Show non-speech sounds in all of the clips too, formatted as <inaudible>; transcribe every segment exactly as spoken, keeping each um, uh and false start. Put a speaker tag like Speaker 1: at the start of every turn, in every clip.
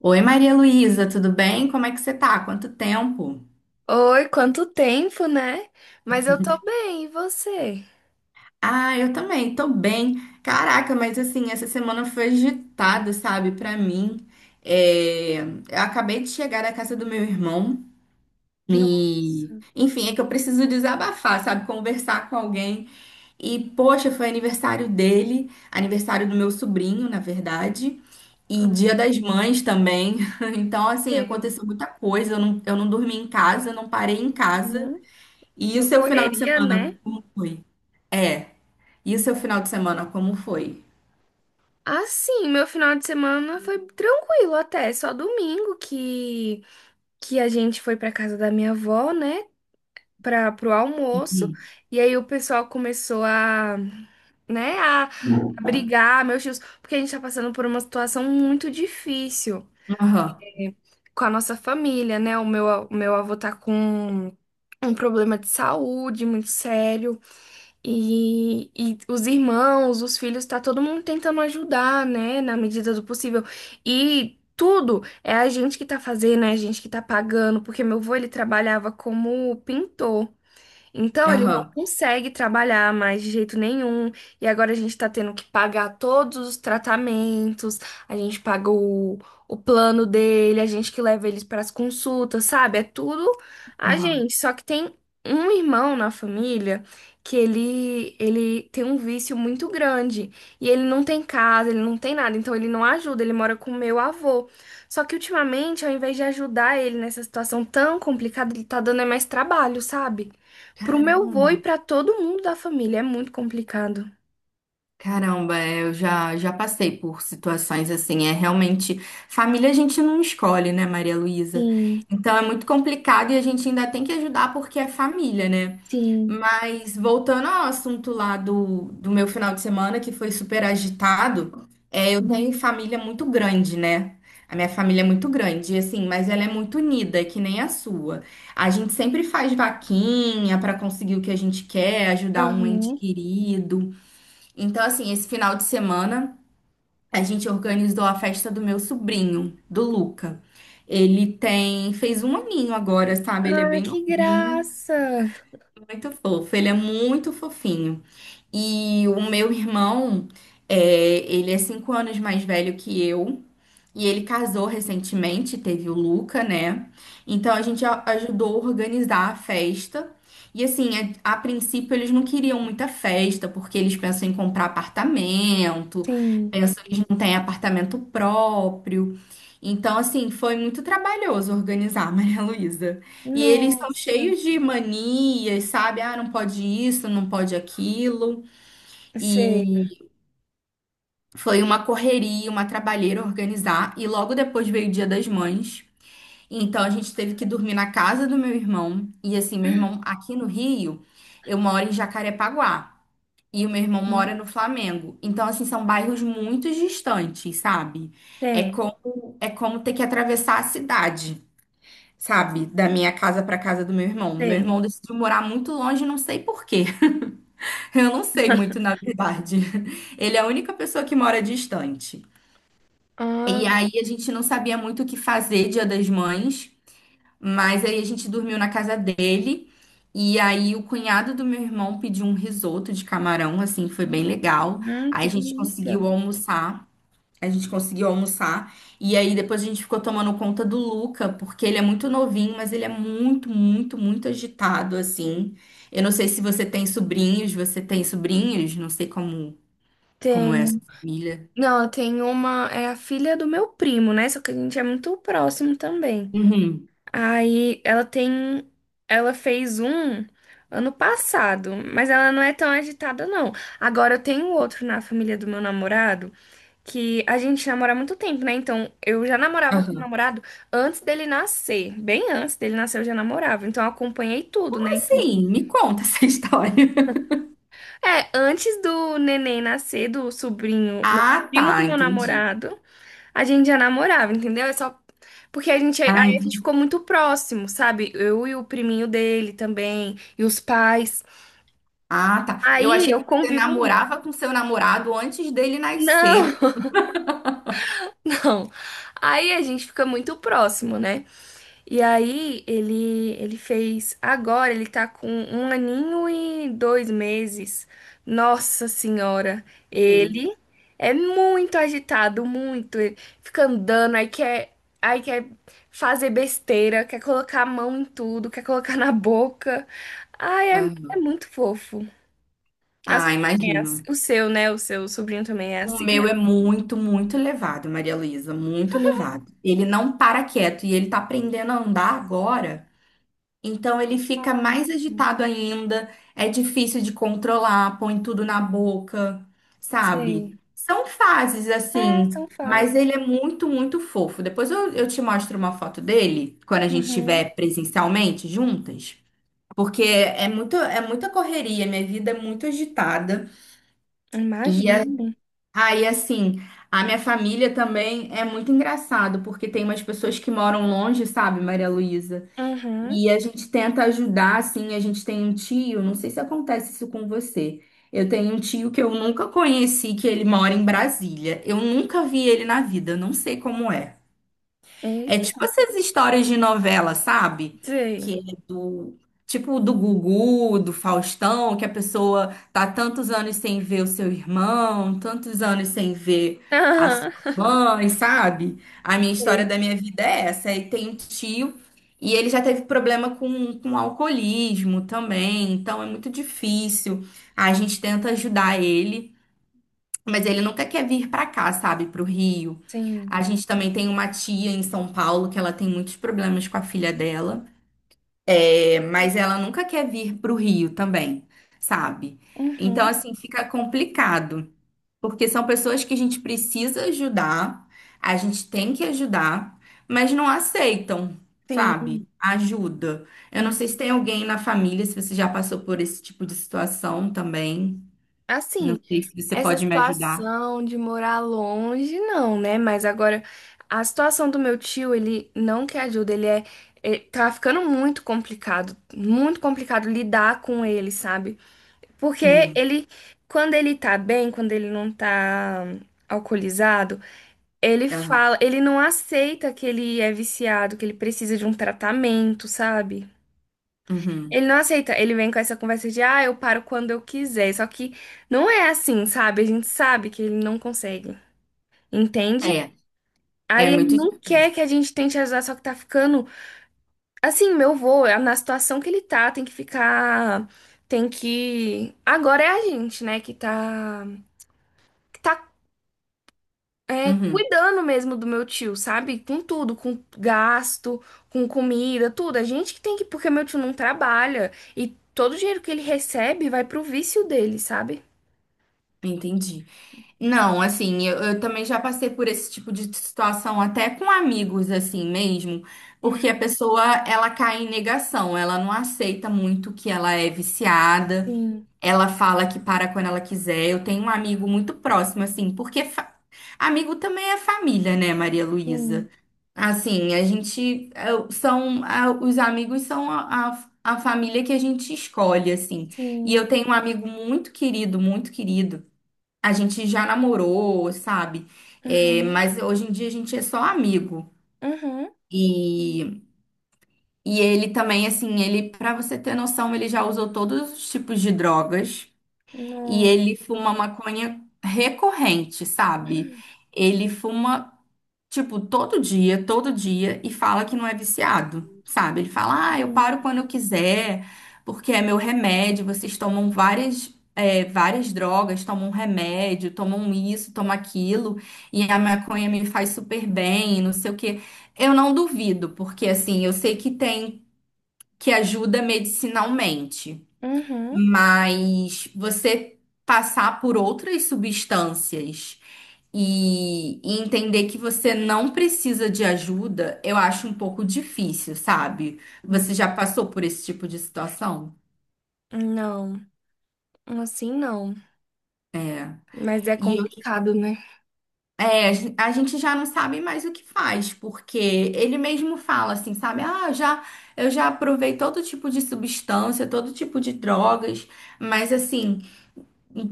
Speaker 1: Oi, Maria Luísa, tudo bem? Como é que você tá? Quanto tempo?
Speaker 2: Oi, quanto tempo, né? Mas eu tô bem, e você?
Speaker 1: Ah, eu também, tô bem. Caraca, mas assim, essa semana foi agitada, sabe, pra mim. É, eu acabei de chegar da casa do meu irmão e,
Speaker 2: Nossa.
Speaker 1: enfim, é que eu preciso desabafar, sabe, conversar com alguém. E, poxa, foi aniversário dele, aniversário do meu sobrinho, na verdade. E Dia
Speaker 2: Ah,
Speaker 1: das Mães também. <laughs> Então, assim,
Speaker 2: sei.
Speaker 1: aconteceu muita coisa. Eu não, eu não dormi em casa, eu não parei em casa.
Speaker 2: Uhum.
Speaker 1: E o
Speaker 2: Uma
Speaker 1: seu final de
Speaker 2: correria, né?
Speaker 1: semana, como foi? É. E o seu final de semana, como foi?
Speaker 2: Ah, sim, meu final de semana foi tranquilo até, só domingo que que a gente foi pra casa da minha avó, né, para pro almoço,
Speaker 1: Uhum.
Speaker 2: e aí o pessoal começou a, né, a a brigar, meus tios, porque a gente tá passando por uma situação muito difícil
Speaker 1: Aham,
Speaker 2: com a nossa família, né? O meu, a- o meu avô tá com um problema de saúde muito sério e, e os irmãos, os filhos, tá todo mundo tentando ajudar, né? Na medida do possível. E tudo é a gente que tá fazendo, é a gente que tá pagando, porque meu avô ele trabalhava como pintor. Então, ele não
Speaker 1: aham,
Speaker 2: consegue trabalhar mais de jeito nenhum. E agora a gente tá tendo que pagar todos os tratamentos, a gente paga o, o plano dele, a gente que leva eles para as consultas, sabe? É tudo a
Speaker 1: aham.
Speaker 2: gente. Só que tem um irmão na família que ele, ele tem um vício muito grande. E ele não tem casa, ele não tem nada. Então, ele não ajuda, ele mora com o meu avô. Só que ultimamente, ao invés de ajudar ele nessa situação tão complicada, ele tá dando é mais trabalho, sabe? Pro meu avô e
Speaker 1: Caramba.
Speaker 2: pra todo mundo da família. É muito complicado.
Speaker 1: Caramba, é, eu já, já passei por situações assim. É realmente. Família a gente não escolhe, né, Maria Luísa?
Speaker 2: Sim,
Speaker 1: Então é muito complicado e a gente ainda tem que ajudar porque é família, né?
Speaker 2: sim.
Speaker 1: Mas voltando ao assunto lá do, do meu final de semana, que foi super agitado, é, eu tenho família muito grande, né? A minha família é muito grande, e assim, mas ela é muito unida, que nem a sua. A gente sempre faz vaquinha para conseguir o que a gente quer, ajudar um ente
Speaker 2: Aham.
Speaker 1: querido. Então, assim, esse final de semana a gente organizou a festa do meu sobrinho, do Luca. Ele tem, fez um aninho agora, sabe? Ele é
Speaker 2: Ah,
Speaker 1: bem
Speaker 2: que
Speaker 1: novinho,
Speaker 2: graça!
Speaker 1: muito fofo. Ele é muito fofinho. E o meu irmão, é, ele é cinco anos mais velho que eu. E ele casou recentemente, teve o Luca, né? Então a gente a- ajudou a organizar a festa. E assim, a, a princípio eles não queriam muita festa, porque eles pensam em comprar apartamento,
Speaker 2: Sim.
Speaker 1: pensam que eles não têm apartamento próprio. Então, assim, foi muito trabalhoso organizar, <laughs> Maria Luísa. E eles são
Speaker 2: Nossa.
Speaker 1: cheios de manias, sabe? Ah, não pode isso, não pode aquilo.
Speaker 2: Sei.
Speaker 1: Foi uma correria, uma trabalheira organizar, e logo depois veio o Dia das Mães. Então a gente teve que dormir na casa do meu irmão. E assim, meu irmão aqui no Rio, eu moro em Jacarepaguá. E o meu irmão mora no Flamengo. Então, assim, são bairros muito distantes, sabe? É
Speaker 2: Tem,
Speaker 1: como, é como ter que atravessar a cidade, sabe? Da minha casa para casa do meu irmão. Meu
Speaker 2: tem.
Speaker 1: irmão decidiu morar muito longe, não sei por quê. <laughs> Eu não sei muito, na verdade. Ele é a única pessoa que mora distante.
Speaker 2: Ah,
Speaker 1: E aí a gente não sabia muito o que fazer Dia das Mães, mas aí a gente dormiu na casa dele. E aí o cunhado do meu irmão pediu um risoto de camarão, assim, foi bem legal.
Speaker 2: hum,
Speaker 1: Aí
Speaker 2: que
Speaker 1: a gente
Speaker 2: delícia.
Speaker 1: conseguiu almoçar. A gente conseguiu almoçar. E aí depois a gente ficou tomando conta do Luca, porque ele é muito novinho, mas ele é muito, muito, muito agitado, assim. Eu não sei se você tem sobrinhos, você tem sobrinhos? Não sei como, como é a sua
Speaker 2: Tem.
Speaker 1: família.
Speaker 2: Não, tem uma. É a filha do meu primo, né? Só que a gente é muito próximo também.
Speaker 1: Uhum.
Speaker 2: Aí ela tem. Ela fez um ano passado, mas ela não é tão agitada, não. Agora eu tenho outro na família do meu namorado, que a gente namora há muito tempo, né? Então, eu já namorava com o namorado antes dele nascer. Bem antes dele nascer, eu já namorava. Então, eu acompanhei tudo, né? Então,
Speaker 1: Sim, me conta essa <laughs> história.
Speaker 2: é, antes do neném nascer, do sobrinho, não,
Speaker 1: Ah,
Speaker 2: primo do
Speaker 1: tá,
Speaker 2: meu
Speaker 1: entendi.
Speaker 2: namorado, a gente já namorava, entendeu? É só porque a gente, aí
Speaker 1: Ah,
Speaker 2: a gente
Speaker 1: entendi.
Speaker 2: ficou muito próximo, sabe? Eu e o priminho dele também, e os pais.
Speaker 1: Ah, tá. Eu
Speaker 2: Aí
Speaker 1: achei
Speaker 2: eu
Speaker 1: que você
Speaker 2: convivo muito.
Speaker 1: namorava com seu namorado antes dele nascer.
Speaker 2: Não, <laughs> não. Aí a gente fica muito próximo, né? E aí ele ele fez. Agora ele tá com um aninho e dois meses. Nossa senhora,
Speaker 1: Sim.
Speaker 2: ele é muito agitado, muito. Ele fica andando, aí quer, aí quer fazer besteira, quer colocar a mão em tudo, quer colocar na boca. Ai, é, é
Speaker 1: Aham.
Speaker 2: muito fofo. A
Speaker 1: Ah,
Speaker 2: sua também é assim.
Speaker 1: imagino.
Speaker 2: O seu, né? O seu sobrinho também é
Speaker 1: O
Speaker 2: assim.
Speaker 1: meu é muito, muito elevado, Maria Luísa, muito elevado. Ele não para quieto e ele tá aprendendo a andar agora. Então ele fica mais
Speaker 2: Hum.
Speaker 1: agitado ainda, é difícil de controlar, põe tudo na boca, sabe?
Speaker 2: Sei.
Speaker 1: São fases
Speaker 2: É,
Speaker 1: assim,
Speaker 2: são
Speaker 1: mas
Speaker 2: fases.
Speaker 1: ele é muito, muito fofo. Depois eu, eu te mostro uma foto dele, quando a gente
Speaker 2: Uhum.
Speaker 1: estiver presencialmente juntas, porque é muito, é muita correria, minha vida é muito agitada. E a-
Speaker 2: Imagino.
Speaker 1: aí, assim, a minha família também é muito engraçado, porque tem umas pessoas que moram longe, sabe, Maria Luísa?
Speaker 2: Uhum.
Speaker 1: E a gente tenta ajudar, assim, a gente tem um tio, não sei se acontece isso com você. Eu tenho um tio que eu nunca conheci, que ele mora em Brasília. Eu nunca vi ele na vida, eu não sei como é. É
Speaker 2: Eita.
Speaker 1: tipo essas histórias de novela, sabe?
Speaker 2: Sei.
Speaker 1: Que é do tipo do Gugu, do Faustão, que a pessoa tá tantos anos sem ver o seu irmão, tantos anos sem ver a sua
Speaker 2: Aham.
Speaker 1: mãe, sabe? A minha
Speaker 2: Sei.
Speaker 1: história da minha vida é essa. E tem um tio e ele já teve problema com, com alcoolismo também, então é muito difícil. A gente tenta ajudar ele. Mas ele nunca quer vir pra cá, sabe, pro Rio.
Speaker 2: Sim.
Speaker 1: A gente também tem uma tia em São Paulo que ela tem muitos problemas com a filha dela, é, mas ela nunca quer vir pro Rio também, sabe? Então,
Speaker 2: Uhum.
Speaker 1: assim, fica complicado, porque são pessoas que a gente precisa ajudar, a gente tem que ajudar, mas não aceitam,
Speaker 2: Sim.
Speaker 1: sabe? Ajuda. Eu não
Speaker 2: Hum.
Speaker 1: sei se tem alguém na família, se você já passou por esse tipo de situação também. Não
Speaker 2: Assim,
Speaker 1: sei se você
Speaker 2: essa
Speaker 1: pode me ajudar.
Speaker 2: situação de morar longe, não, né? Mas agora, a situação do meu tio, ele não quer ajuda, ele é. É- tá ficando muito complicado, muito complicado lidar com ele, sabe? Porque
Speaker 1: Hum,
Speaker 2: ele, quando ele tá bem, quando ele não tá hum, alcoolizado, ele
Speaker 1: aham.
Speaker 2: fala, ele não aceita que ele é viciado, que ele precisa de um tratamento, sabe?
Speaker 1: Uhum.
Speaker 2: Ele não aceita, ele vem com essa conversa de, ah, eu paro quando eu quiser. Só que não é assim, sabe? A gente sabe que ele não consegue, entende?
Speaker 1: É, é
Speaker 2: Aí ele
Speaker 1: muito
Speaker 2: não quer
Speaker 1: difícil.
Speaker 2: que a gente tente ajudar, só que tá ficando. Assim, meu vô, é na situação que ele tá, tem que ficar. Tem que. Agora é a gente, né, que tá. Que tá é,
Speaker 1: Uhum.
Speaker 2: cuidando mesmo do meu tio, sabe? Com tudo, com gasto, com comida, tudo. A gente que tem que. Porque meu tio não trabalha. E todo o dinheiro que ele recebe vai pro vício dele, sabe?
Speaker 1: Entendi. Não, assim, eu, eu também já passei por esse tipo de situação até com amigos, assim mesmo, porque
Speaker 2: Uhum.
Speaker 1: a pessoa, ela cai em negação, ela não aceita muito que ela é viciada,
Speaker 2: Sim,
Speaker 1: ela fala que para quando ela quiser. Eu tenho um amigo muito próximo, assim, porque fa- Amigo também é família, né, Maria
Speaker 2: sim,
Speaker 1: Luísa? Assim, a gente é, são a- os amigos são a, a, a família que a gente escolhe, assim. E
Speaker 2: sim.
Speaker 1: eu tenho um amigo muito querido, muito querido. A gente já namorou, sabe? É,
Speaker 2: Uhum.
Speaker 1: mas hoje em dia a gente é só amigo.
Speaker 2: Uhum.
Speaker 1: E, e ele também, assim, ele, para você ter noção, ele já usou todos os tipos de drogas e
Speaker 2: Não.
Speaker 1: ele fuma maconha recorrente, sabe? Ele fuma tipo, todo dia, todo dia, e fala que não é viciado, sabe? Ele fala, ah, eu
Speaker 2: Uhum.
Speaker 1: paro quando eu quiser, porque é meu remédio, vocês tomam várias. É, várias drogas, tomam remédio, tomam isso, tomam aquilo, e a maconha me faz super bem, não sei o quê. Eu não duvido, porque assim, eu sei que tem, que ajuda medicinalmente,
Speaker 2: Uhum.
Speaker 1: mas você passar por outras substâncias. E, e entender que você não precisa de ajuda, eu acho um pouco difícil, sabe?
Speaker 2: É.
Speaker 1: Você já passou por esse tipo de situação?
Speaker 2: Não, assim não.
Speaker 1: É.
Speaker 2: Mas é
Speaker 1: E eu-
Speaker 2: complicado, né?
Speaker 1: É, a gen- a gente já não sabe mais o que faz, porque ele mesmo fala assim, sabe? Ah, eu já, eu já provei todo tipo de substância, todo tipo de drogas, mas assim.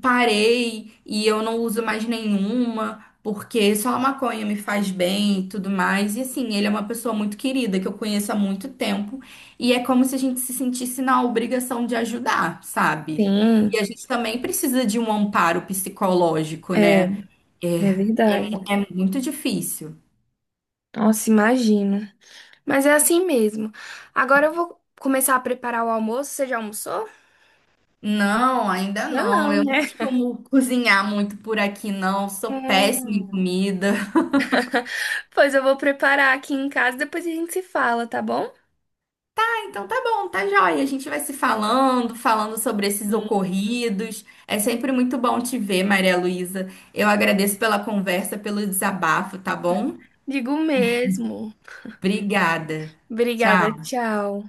Speaker 1: Parei e eu não uso mais nenhuma, porque só a maconha me faz bem e tudo mais. E assim, ele é uma pessoa muito querida que eu conheço há muito tempo, e é como se a gente se sentisse na obrigação de ajudar, sabe? E
Speaker 2: Sim,
Speaker 1: a gente também precisa de um amparo psicológico,
Speaker 2: é,
Speaker 1: né?
Speaker 2: é verdade.
Speaker 1: É muito difícil.
Speaker 2: Nossa, imagino. Mas é assim mesmo. Agora eu vou começar a preparar o almoço. Você já almoçou?
Speaker 1: Não, ainda
Speaker 2: Já
Speaker 1: não.
Speaker 2: não,
Speaker 1: Eu não
Speaker 2: né?
Speaker 1: costumo cozinhar muito por aqui, não. Sou péssima em
Speaker 2: Hum.
Speaker 1: comida.
Speaker 2: Pois eu vou preparar aqui em casa, depois a gente se fala, tá bom?
Speaker 1: Então tá bom, tá joia. A gente vai se falando, falando sobre esses
Speaker 2: Sim.
Speaker 1: ocorridos. É sempre muito bom te ver, Maria Luísa. Eu agradeço pela conversa, pelo desabafo, tá bom?
Speaker 2: Digo mesmo.
Speaker 1: Obrigada.
Speaker 2: Obrigada,
Speaker 1: Tchau.
Speaker 2: tchau.